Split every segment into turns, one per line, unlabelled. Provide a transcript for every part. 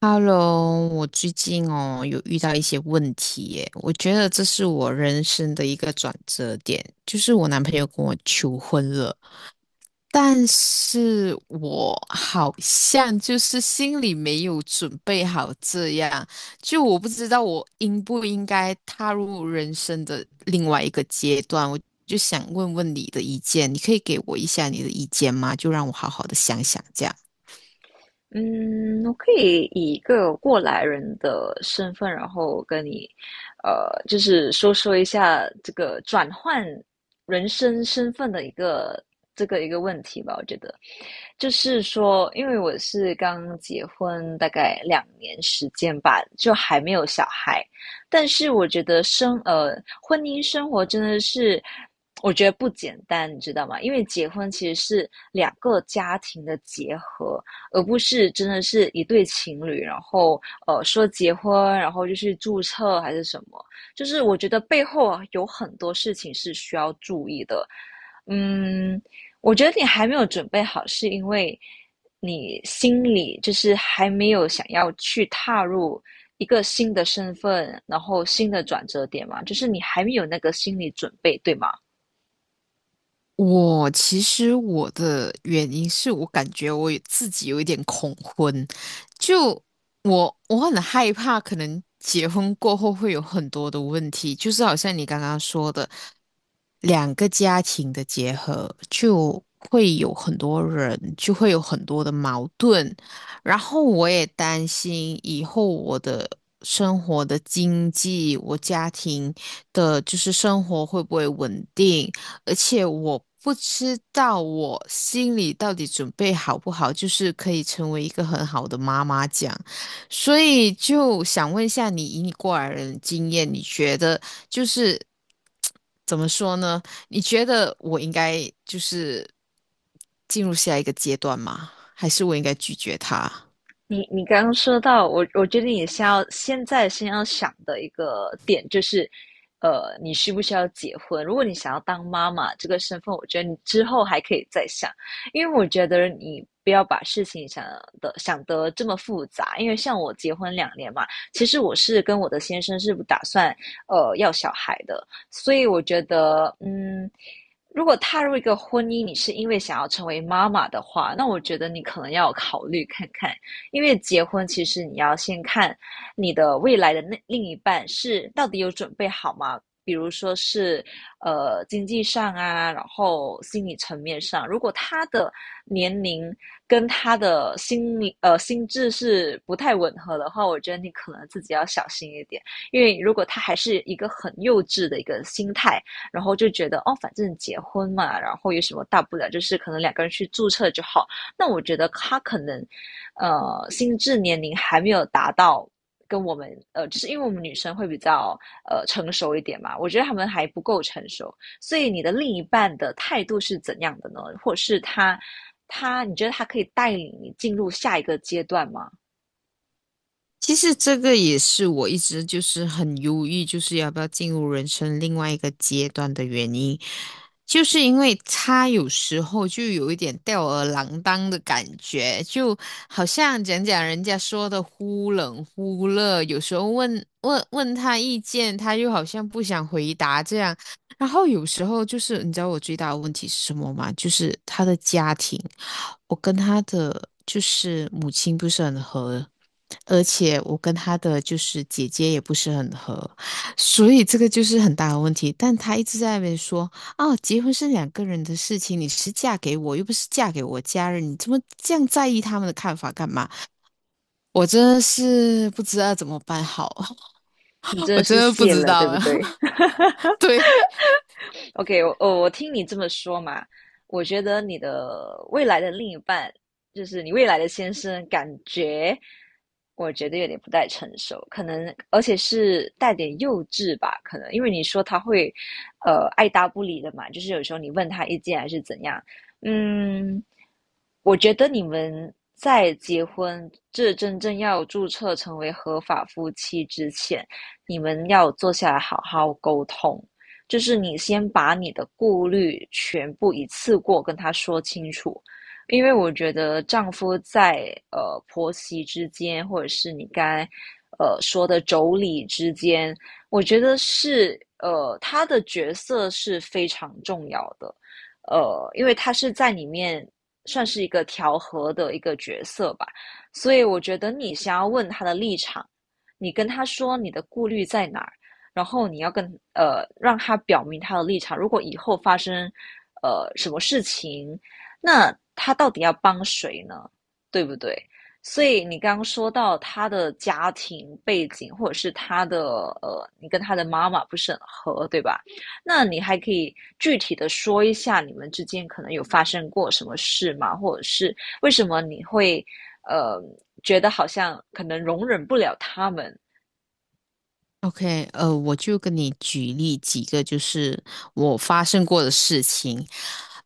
Hello，我最近有遇到一些问题耶，我觉得这是我人生的一个转折点，就是我男朋友跟我求婚了，但是我好像就是心里没有准备好这样，就我不知道我应不应该踏入人生的另外一个阶段，我就想问问你的意见，你可以给我一下你的意见吗？就让我好好的想想这样。
嗯，我可以以一个过来人的身份，然后跟你，就是说说一下这个转换人生身份的这个问题吧。我觉得，就是说，因为我是刚结婚大概两年时间吧，就还没有小孩，但是我觉得婚姻生活真的是。我觉得不简单，你知道吗？因为结婚其实是两个家庭的结合，而不是真的是一对情侣，然后说结婚，然后就去注册还是什么，就是我觉得背后啊有很多事情是需要注意的。嗯，我觉得你还没有准备好，是因为你心里就是还没有想要去踏入一个新的身份，然后新的转折点嘛，就是你还没有那个心理准备，对吗？
我其实我的原因是我感觉自己有一点恐婚，就我很害怕，可能结婚过后会有很多的问题，就是好像你刚刚说的，两个家庭的结合就会有很多人，就会有很多的矛盾，然后我也担心以后我的生活的经济，我家庭的就是生活会不会稳定。而且我不知道我心里到底准备好不好，就是可以成为一个很好的妈妈这样，所以就想问一下你，以你过来人的经验，你觉得就是怎么说呢？你觉得我应该就是进入下一个阶段吗？还是我应该拒绝他？
你刚刚说到我，我觉得你现在先要想的一个点就是，你需不需要结婚？如果你想要当妈妈这个身份，我觉得你之后还可以再想，因为我觉得你不要把事情想得这么复杂。因为像我结婚两年嘛，其实我是跟我的先生是不打算要小孩的，所以我觉得嗯。如果踏入一个婚姻，你是因为想要成为妈妈的话，那我觉得你可能要考虑看看，因为结婚其实你要先看你的未来的那另一半是到底有准备好吗？比如说是经济上啊，然后心理层面上，如果他的年龄跟他的心智是不太吻合的话，我觉得你可能自己要小心一点，因为如果他还是一个很幼稚的一个心态，然后就觉得哦反正结婚嘛，然后有什么大不了，就是可能两个人去注册就好，那我觉得他可能，呃，心智年龄还没有达到跟我们，就是因为我们女生会比较成熟一点嘛，我觉得他们还不够成熟，所以你的另一半的态度是怎样的呢？或者是他，你觉得他可以带领你进入下一个阶段吗？
其实这个也是我一直就是很犹豫，就是要不要进入人生另外一个阶段的原因，就是因为他有时候就有一点吊儿郎当的感觉，就好像讲人家说的忽冷忽热，有时候问他意见，他又好像不想回答这样，然后有时候就是你知道我最大的问题是什么吗？就是他的家庭，我跟他的就是母亲不是很合。而且我跟他的就是姐姐也不是很合，所以这个就是很大的问题。但他一直在那边说，哦，结婚是两个人的事情，你是嫁给我，又不是嫁给我家人，你这么这样在意他们的看法干嘛？我真的是不知道怎么办好，
你 真
我
的
真
是
的不
谢
知
了，
道
对不
了。
对？
对
OK，我听你这么说嘛，我觉得你的未来的另一半，就是你未来的先生，感觉我觉得有点不太成熟，可能而且是带点幼稚吧，可能因为你说他会，爱答不理的嘛，就是有时候你问他意见还是怎样，嗯，我觉得你们在结婚，这真正要注册成为合法夫妻之前，你们要坐下来好好沟通。就是你先把你的顾虑全部一次过跟他说清楚，因为我觉得丈夫在婆媳之间，或者是你刚才说的妯娌之间，我觉得是他的角色是非常重要的，呃，因为他是在里面算是一个调和的一个角色吧，所以我觉得你想要问他的立场，你跟他说你的顾虑在哪儿。然后你要跟让他表明他的立场。如果以后发生什么事情，那他到底要帮谁呢？对不对？所以你刚刚说到他的家庭背景，或者是他的你跟他的妈妈不是很合，对吧？那你还可以具体的说一下你们之间可能有发生过什么事吗？或者是为什么你会呃觉得好像可能容忍不了他们？
，OK，我就跟你举例几个就是我发生过的事情，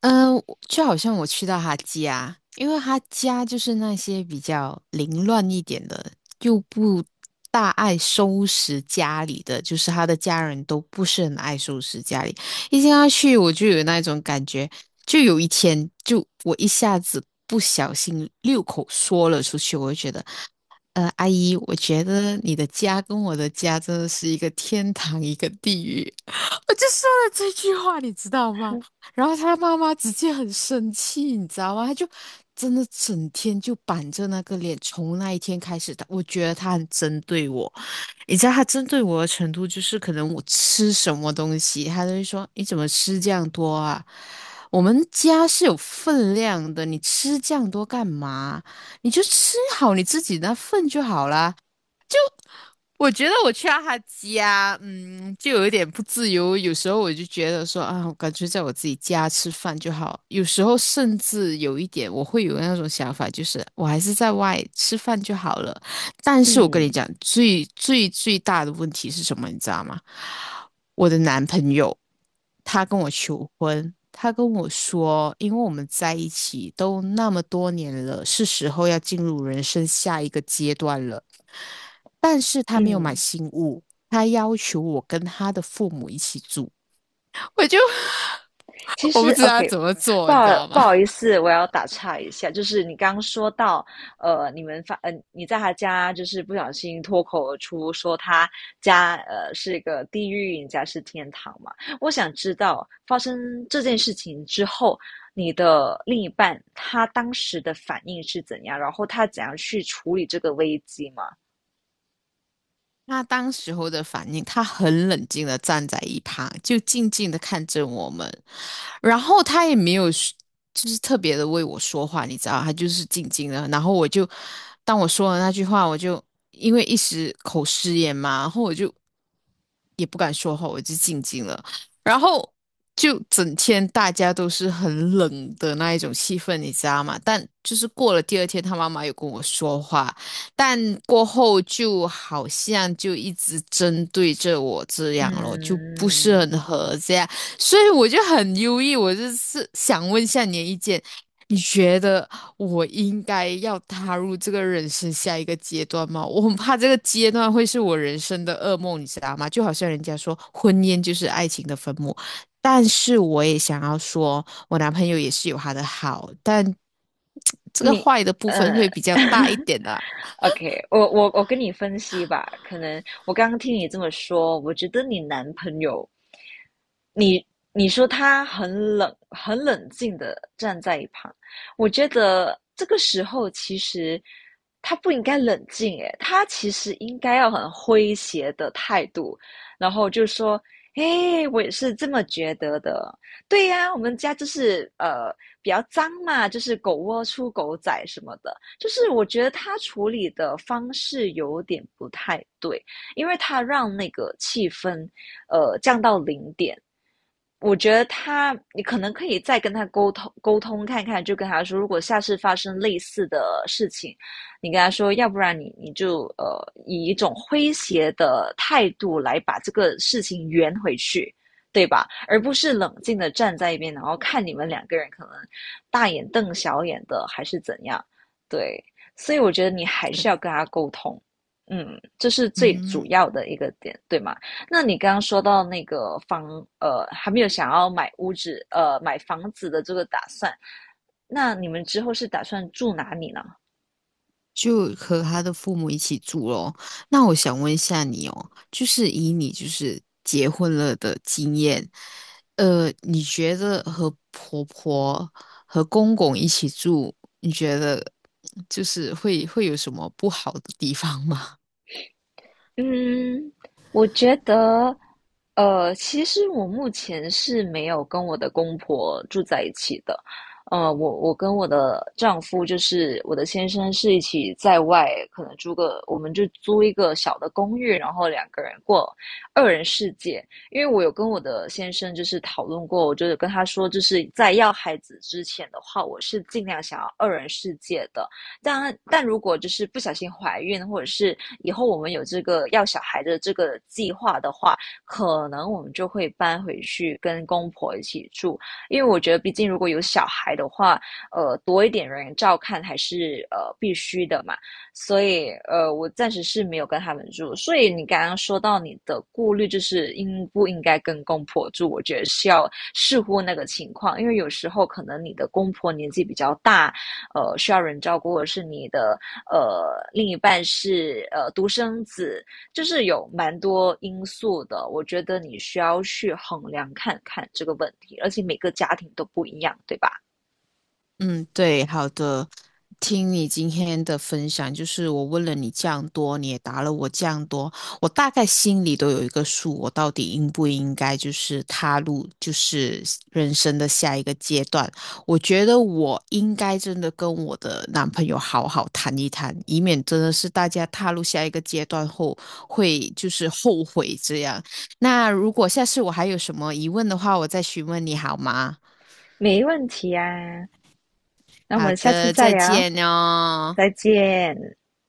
嗯，我就好像我去到他家，因为他家就是那些比较凌乱一点的，又不大爱收拾家里的，就是他的家人都不是很爱收拾家里。一进他去，我就有那种感觉，就有一天，就我一下子不小心六口说了出去，我就觉得阿姨，我觉得你的家跟我的家真的是一个天堂，一个地狱。我就说了这句话，你知道吗？然后他妈妈直接很生气，你知道吗？他就真的整天就板着那个脸。从那一天开始，我觉得他很针对我。你知道他针对我的程度，就是可能我吃什么东西，他都会说：“你怎么吃这样多啊？我们家是有分量的，你吃这样多干嘛？”你就吃好你自己那份就好啦。我觉得我去到他家，嗯，就有一点不自由。有时候我就觉得说啊，我感觉在我自己家吃饭就好。有时候甚至有一点，我会有那种想法，就是我还是在外吃饭就好了。但是我跟你
嗯。
讲，最大的问题是什么，你知道吗？我的男朋友，他跟我求婚，他跟我说，因为我们在一起都那么多年了，是时候要进入人生下一个阶段了。但是他没有买
嗯。
新屋，他要求我跟他的父母一起住。我就
其
我
实
不知道
，OK，
怎么
不
做，你
好
知道
不
吗？
好意思，我要打岔一下，就是你刚刚说到，你们发，你在他家就是不小心脱口而出说他家是一个地狱，你家是天堂嘛？我想知道发生这件事情之后，你的另一半他当时的反应是怎样，然后他怎样去处理这个危机嘛？
他当时候的反应，他很冷静的站在一旁，就静静的看着我们，然后他也没有说就是特别的为我说话，你知道，他就是静静的。然后我就，当我说了那句话，我就因为一时口失言嘛，然后我就也不敢说话，我就静静了。然后就整天大家都是很冷的那一种气氛，你知道吗？但就是过了第二天，他妈妈有跟我说话。但过后就好像就一直针对着我这样咯，就不是
嗯。
很合这样，所以我就很忧郁。我就是想问一下你的意见，你觉得我应该要踏入这个人生下一个阶段吗？我很怕这个阶段会是我人生的噩梦，你知道吗？就好像人家说婚姻就是爱情的坟墓，但是我也想要说，我男朋友也是有他的好，但 这个
你，
坏的部分会
嗯。
比较大一 点啦。
，OK，我跟你分析吧，可能我刚刚听你这么说，我觉得你男朋友，你你说他很冷，很冷静的站在一旁，我觉得这个时候其实他不应该冷静，诶，他其实应该要很诙谐的态度，然后就说，诶，我也是这么觉得的，对呀，我们家就是比较脏嘛，就是狗窝出狗仔什么的，就是我觉得他处理的方式有点不太对，因为他让那个气氛降到零点，我觉得他，你可能可以再跟他沟通沟通看看，就跟他说，如果下次发生类似的事情，你跟他说，要不然你就以一种诙谐的态度来把这个事情圆回去，对吧？而不是冷静的站在一边，然后看你们两个人可能大眼瞪小眼的，还是怎样？对，所以我觉得你还是要
对。
跟他沟通，嗯，这是最主
嗯，
要的一个点，对吗？那你刚刚说到那个房，还没有想要买屋子，买房子的这个打算，那你们之后是打算住哪里呢？
就和他的父母一起住咯。那我想问一下你哦，就是以你就是结婚了的经验，你觉得和婆婆和公公一起住，你觉得就是会有什么不好的地方吗？
嗯，我觉得，其实我目前是没有跟我的公婆住在一起的，我跟我的丈夫，就是我的先生，是一起在外，可能租个，我们就租一个小的公寓，然后两个人过二人世界。因为我有跟我的先生就是讨论过，我就是跟他说，就是在要孩子之前的话，我是尽量想要二人世界的。但如果就是不小心怀孕，或者是以后我们有这个要小孩的这个计划的话，可能我们就会搬回去跟公婆一起住，因为我觉得毕竟如果有小孩的话，呃，多一点人照看还是必须的嘛。所以呃，我暂时是没有跟他们住。所以你刚刚说到你的顾虑，就是应不应该跟公婆住？我觉得是要视乎那个情况，因为有时候可能你的公婆年纪比较大，需要人照顾，或者是你的另一半是独生子，就是有蛮多因素的。我觉得你需要去衡量看看这个问题，而且每个家庭都不一样，对吧？
嗯，对，好的。听你今天的分享，就是我问了你这样多，你也答了我这样多，我大概心里都有一个数，我到底应不应该就是踏入就是人生的下一个阶段？我觉得我应该真的跟我的男朋友好好谈一谈，以免真的是大家踏入下一个阶段后会就是后悔这样。那如果下次我还有什么疑问的话，我再询问你好吗？
没问题啊，那我
好
们下次
的，
再
再
聊，
见哦。
再见。